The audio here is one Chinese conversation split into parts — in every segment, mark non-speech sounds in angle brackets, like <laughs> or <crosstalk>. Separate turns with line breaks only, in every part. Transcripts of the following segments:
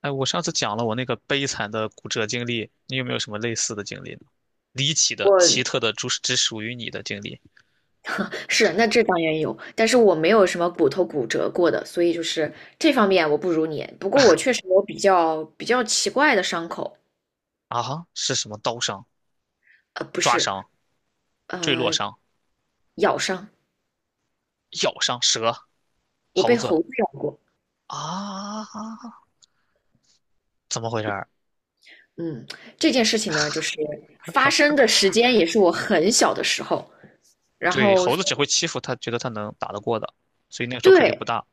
哎，我上次讲了我那个悲惨的骨折经历，你有没有什么类似的经历呢？离奇的、奇
我
特的，只属于你的经历。
是，那这当然有，但是我没有什么骨头骨折过的，所以就是这方面我不如你。不过我确实有比较奇怪的伤口，
啊哈？是什么刀伤、
不
抓
是，
伤、坠落
呃，
伤、
咬伤，
咬伤、蛇、
我
猴
被
子
猴子咬过。
啊？怎么回事儿？
嗯，这件事情呢，就是发生的时间也是我很小的时候，然
对，
后
猴子只会欺负他，觉得他能打得过的，所以那个时候肯定不
对，
大。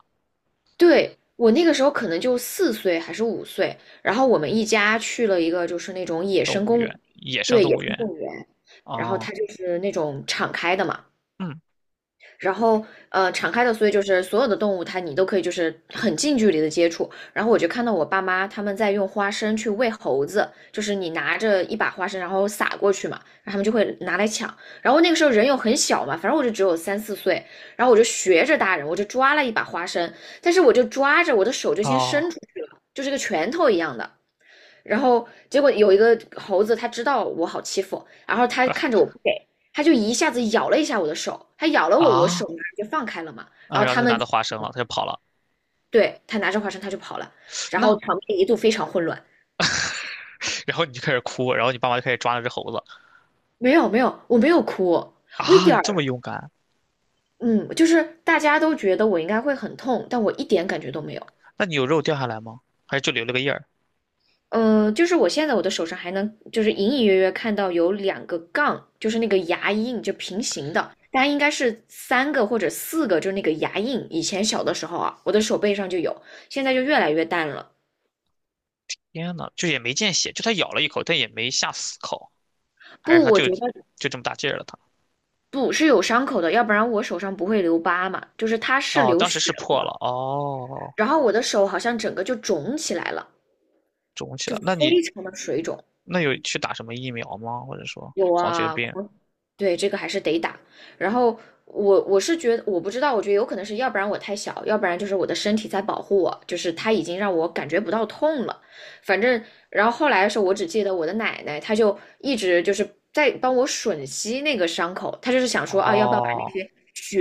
对，我那个时候可能就4岁还是5岁，然后我们一家去了一个就是那种野
动
生
物
公，
园，野生
对，
动
野
物
生
园
动物园，然后
啊。
它就是那种敞开的嘛，
嗯。
敞开的，所以就是所有的动物它你都可以就是很近距离的接触。然后我就看到我爸妈他们在用花生去喂猴子，就是你拿着一把花生然后撒过去嘛，然后他们就会拿来抢。然后那个时候人又很小嘛，反正我就只有3、4岁，然后我就学着大人，我就抓了一把花生，但是我就抓着我的手就先
哦。
伸出去了，就是个拳头一样的。然后结果有一个猴子，它知道我好欺负，然后它
啊
看着我不给，它就一下子咬了一下我的手，它咬了我，我手
啊，
马上就放开了嘛。
然
然
后
后
他
他
就
们
拿到花生了，他就跑了。
对它拿着花生，它就跑了，然后
那，
场面一度非常混乱。
然后你就开始哭，然后你爸妈就开始抓那只猴子。
没有没有，我没有哭，我一
啊，
点
你
儿，
这么勇敢。
嗯，就是大家都觉得我应该会很痛，但我一点感觉都没有。
那你有肉掉下来吗？还是就留了个印儿？
就是我现在我的手上还能，就是隐隐约约看到有2个杠，就是那个牙印，就平行的，大概应该是3个或者4个，就是那个牙印。以前小的时候啊，我的手背上就有，现在就越来越淡了。
天呐，就也没见血，就它咬了一口，但也没下死口，还是
不，
它
我
就
觉得
就这么大劲儿了它？
不是有伤口的，要不然我手上不会留疤嘛。就是它是
哦，
流
当时
血
是破
了，
了，哦，
然后我的手好像整个就肿起来了，
肿起
就
来。那
非
你
常的水肿。
那有去打什么疫苗吗？或者说
有
狂犬
啊，
病？
对，这个还是得打。然后我是觉得，我不知道，我觉得有可能是要不然我太小，要不然就是我的身体在保护我，就是它已经让我感觉不到痛了。反正，然后后来的时候，我只记得我的奶奶，她就一直就是在帮我吮吸那个伤口，她就是想说啊，要不要把那
哦，
些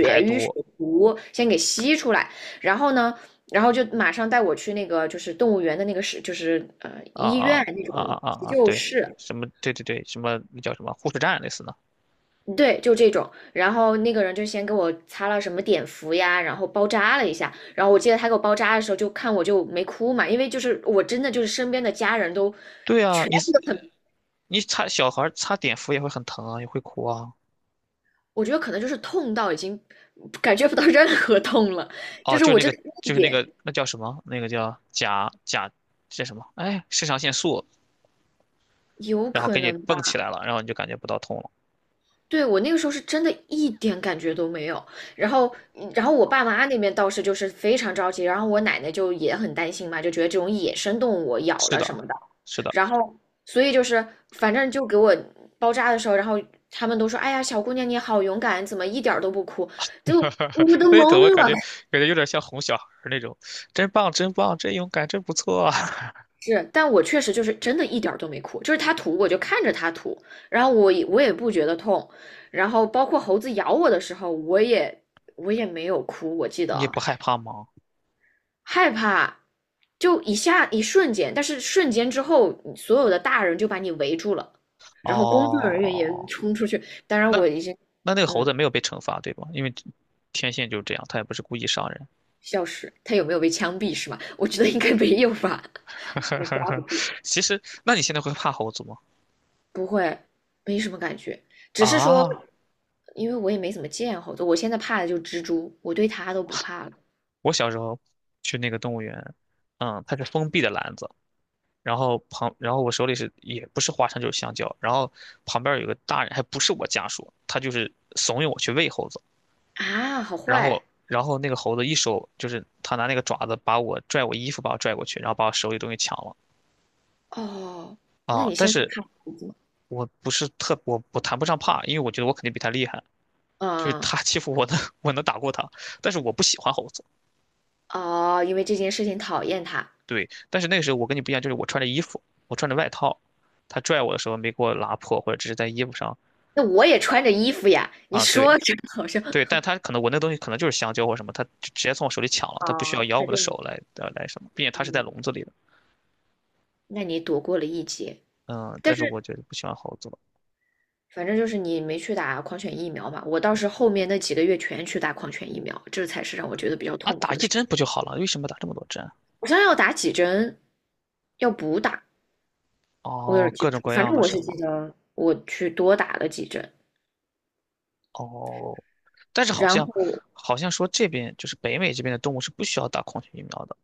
排
瘀血
毒。
毒先给吸出来。然后呢，然后就马上带我去那个就是动物园的那个是就是
啊
医
啊
院那
啊啊
种急
啊啊！
救
对，
室，
什么？对对对，什么那叫什么护士站类似的？
对，就这种。然后那个人就先给我擦了什么碘伏呀，然后包扎了一下。然后我记得他给我包扎的时候，就看我就没哭嘛，因为就是我真的就是身边的家人都
对啊，
全
你
部都很，
你擦小孩儿擦碘伏也会很疼啊，也会哭啊。
我觉得可能就是痛到已经感觉不到 <laughs> 任何痛了，就
哦，
是
就是
我
那
真
个，
的一
就是那
点
个，那叫什么？那个叫甲叫什么？哎，肾上腺素，
有
然后
可
给你
能
蹦起
吧。
来了，然后你就感觉不到痛了。
对，我那个时候是真的一点感觉都没有，然后，然后我爸妈那边倒是就是非常着急，然后我奶奶就也很担心嘛，就觉得这种野生动物咬
是
了什
的，
么的，
是的。
然后，所以就是反正就给我包扎的时候，然后他们都说，哎呀，小姑娘你好勇敢，怎么一点儿都不哭？就
<laughs>
我都
那
懵
你怎么感
了，
觉感觉有点像哄小孩儿那种？真棒，真棒，真勇敢，真不错。 <laughs>
是，但我确实就是真的一点儿都没哭，就是他吐我就看着他吐，然后我也不觉得痛，然后包括猴子咬我的时候，我也没有哭，我记得
你也
啊
不害怕吗？
害怕就一下一瞬间，但是瞬间之后，所有的大人就把你围住了，然后工作人员也
哦，
冲出去，当然
那
我已经
那那个猴
嗯
子没有被惩罚，对吧？因为天性就是这样，它也不是故意伤人。
笑死，他有没有被枪毙是吗？我觉得应该没有吧，
<laughs> 其实，那你现在会怕猴子吗？
不会，没什么感觉。只是说
啊，
因为我也没怎么见猴子，我现在怕的就是蜘蛛，我对它都不怕了
我小时候去那个动物园，嗯，它是封闭的篮子，然后旁，然后我手里是也不是花生就是香蕉，然后旁边有个大人，还不是我家属，他就是怂恿我去喂猴子，
啊，好
然后
坏
然后那个猴子一手就是他拿那个爪子把我拽我衣服把我拽过去，然后把我手里东西抢了。
哦。那
啊，
你
但
现在
是
怕猴子吗？
我不是特我我谈不上怕，因为我觉得我肯定比他厉害，就是
嗯，
他欺负我的 <laughs> 我能打过他，但是我不喜欢猴子。
哦，因为这件事情讨厌它。
对，但是那个时候我跟你不一样，就是我穿着衣服，我穿着外套，他拽我的时候没给我拉破，或者只是在衣服上。
那我也穿着衣服呀，你
啊，对
说着好像
对，但他可能我那东西可能就是香蕉或什么，他直接从我手里抢了，
啊，
他不需要咬
他
我的手
就
来来什么，并且他是在
嗯，
笼子里的。
那你躲过了一劫，
嗯，
但
但是我
是
觉得不喜欢猴子了。
反正就是你没去打狂犬疫苗嘛。我倒是后面那几个月全去打狂犬疫苗，这才是让我觉得比较
啊，
痛
打
苦
一
的事。
针不就好了？为什么打这么多针啊？
我想想要打几针，要补打，我有
哦，
点记
各
不
种
住，
各
反
样
正
的
我
什
是记
么。
得我去多打了几针。
哦，但是好
然
像
后
好像说这边就是北美这边的动物是不需要打狂犬疫苗的。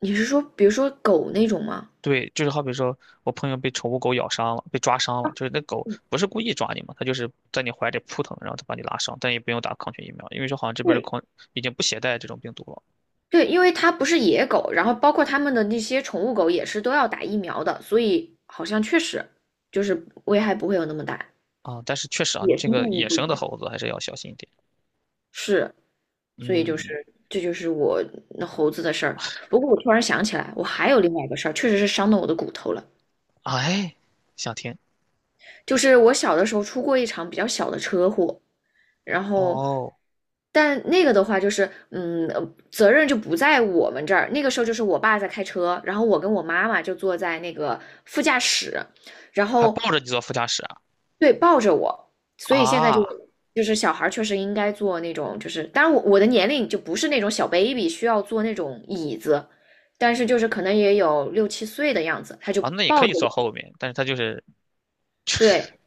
你是说，比如说狗那种吗？
对，就是好比说，我朋友被宠物狗咬伤了，被抓伤了，就是那狗不是故意抓你嘛，它就是在你怀里扑腾，然后它把你拉伤，但也不用打狂犬疫苗，因为说好像这边的
对，
狂已经不携带这种病毒了。
对，因为它不是野狗，然后包括它们的那些宠物狗也是都要打疫苗的，所以好像确实就是危害不会有那么大。
啊。但是确实啊，你
野
这
生动
个
物
野
不
生
一
的
样。
猴子还是要小心一点。
是，所以就
嗯，
是这就是我那猴子的事儿。不过我突然想起来，我还有另外一个事儿，确实是伤到我的骨头了。
哎，想听。
就是我小的时候出过一场比较小的车祸，然后，
哦，
但那个的话就是，嗯，责任就不在我们这儿。那个时候就是我爸在开车，然后我跟我妈妈就坐在那个副驾驶，然
还
后
抱着你坐副驾驶啊。
对，抱着我。所以现在就
啊，
就是小孩儿确实应该坐那种，就是当然我的年龄就不是那种小 baby 需要坐那种椅子，但是就是可能也有6、7岁的样子，他就
啊，那也可
抱
以
着
坐
我，
后面，但是它就是。
对，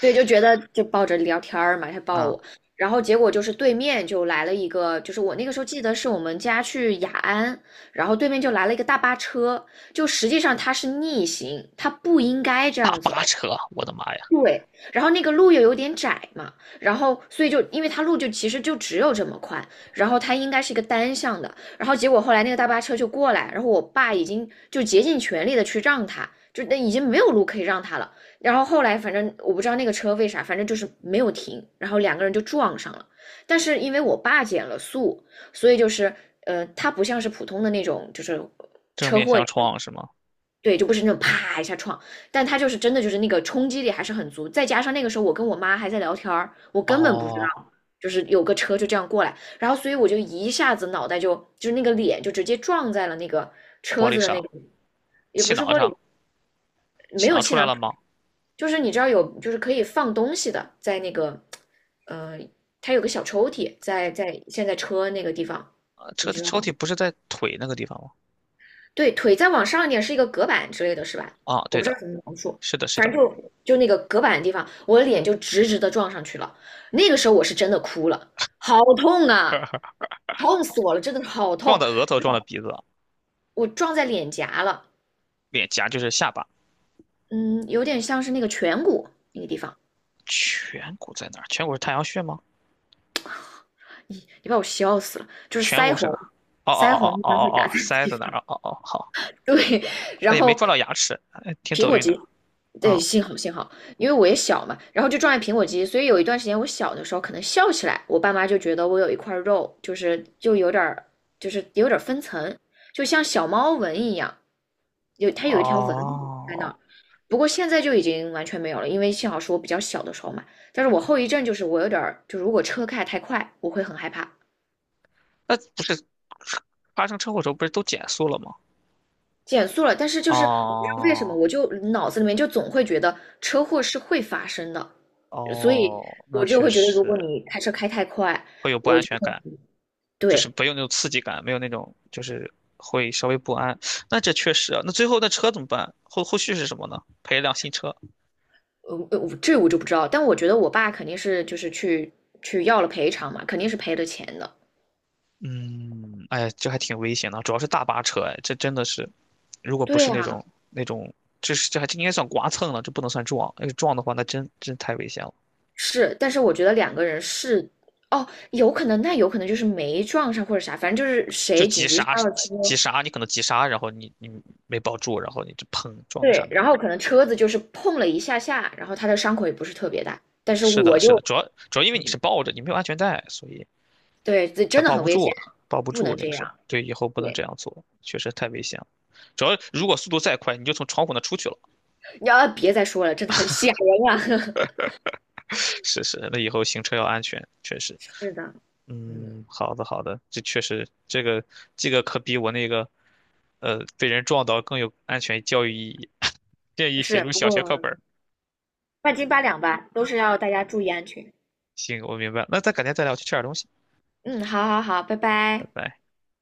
对，就觉得就抱着聊天儿嘛，他抱
啊、
我，然后结果就是对面就来了一个，就是我那个时候记得是我们家去雅安，然后对面就来了一个大巴车，就实际上它是逆行，它不应该这
大
样
巴
走，
车，我的妈呀，
对，然后那个路又有点窄嘛，然后所以就因为它路就其实就只有这么宽，然后它应该是一个单向的，然后结果后来那个大巴车就过来，然后我爸已经就竭尽全力的去让他，就那已经没有路可以让他了，然后后来反正我不知道那个车为啥，反正就是没有停，然后两个人就撞上了，但是因为我爸减了速，所以就是他不像是普通的那种就是
正
车
面
祸。
相撞是吗？
对，就不是那种啪一下撞，但他就是真的就是那个冲击力还是很足，再加上那个时候我跟我妈还在聊天儿，我根本不知
哦，
道，就是有个车就这样过来，然后所以我就一下子脑袋就就是那个脸就直接撞在了那个
玻
车
璃
子的那
上，
个，也
气
不是
囊
玻
上，
璃，没
气
有
囊出
气
来
囊，
了吗？
就是你知道有就是可以放东西的，在那个呃，它有个小抽屉在现在车那个地方，你
车的
知道
抽
吗？
屉不是在腿那个地方吗？
对，腿再往上一点是一个隔板之类的是吧？
啊，
我
对
不知
的，
道怎么描述，
是的，是
反
的，
正就那个隔板的地方，我的脸就直直的撞上去了。那个时候我是真的哭了，好痛啊，痛死我了，真的好
撞
痛！
的额头，撞的鼻子，
我撞在脸颊了，
脸颊就是下巴，
嗯，有点像是那个颧骨那个地方，
颧骨在哪儿？颧骨是太阳穴吗？
你把我笑死了，就是
颧
腮
骨是
红，
哪儿。哦哦
腮
哦
红
哦
一
哦
般会
哦
打
哦，
在
腮在哪儿？哦哦哦，好，
对，
啊
然
也没
后
撞到牙齿，哎，挺
苹
走
果
运的。
肌，对，
嗯，
幸好幸好，因为我也小嘛，然后就撞见苹果肌，所以有一段时间我小的时候可能笑起来，我爸妈就觉得我有一块肉，就是就有点儿就是有点儿分层，就像小猫纹一样，有它有一条纹路在那
哦，
儿。不过现在就已经完全没有了，因为幸好是我比较小的时候嘛。但是我后遗症就是我有点儿，就如果车开太快，我会很害怕。
那不是发生车祸的时候不是都减速了吗？
减速了，但是就是我不知道为什么，
哦
我就脑子里面就总会觉得车祸是会发生的，所以
哦，
我
那
就
确
会觉得，如果
实
你开车开太快，
会有不安全感。就是
对，
不用那种刺激感，没有那种就是会稍微不安。那这确实啊，那最后那车怎么办？后续是什么呢？赔一辆新车。
这我就不知道，但我觉得我爸肯定是就是去要了赔偿嘛，肯定是赔了钱的。
嗯，哎呀，这还挺危险的啊，主要是大巴车，哎，这真的是，如果不
对
是那
啊，
种那种，这是这还这应该算刮蹭了，这不能算撞，要是撞的话，那真真太危险了。
是，但是我觉得两个人是，哦，有可能，那有可能就是没撞上或者啥，反正就是
就
谁紧
急
急
刹，
刹了
急急
车，
刹，你可能急刹，然后你没抱住，然后你就砰撞到上
对，
面
然
了。
后可能车子就是碰了一下下，然后他的伤口也不是特别大，但是
是的，
我
是的，
就
主要因为你是抱着，你没有安全带，所以
对，这
他
真的
抱
很
不
危险，
住，抱不
不
住
能
那
这
个时候。
样。
对，以后不能这
对，
样做，确实太危险了。主要如果速度再快，你就从窗户那出去了。
你要别再说了，真的很吓人啊。
<laughs> 是是，那以后行车要安全，确实。
<laughs> 是的，嗯，
嗯，好的好的，这确实这个可比我那个，被人撞到更有安全教育意义。<laughs> 建议写
是，
入
不
小学课
过
本儿。
半斤八两吧，都是要大家注意安全。
行，我明白了。那咱改天再聊，我去吃点东西，
嗯，好好好，拜
拜
拜。
拜。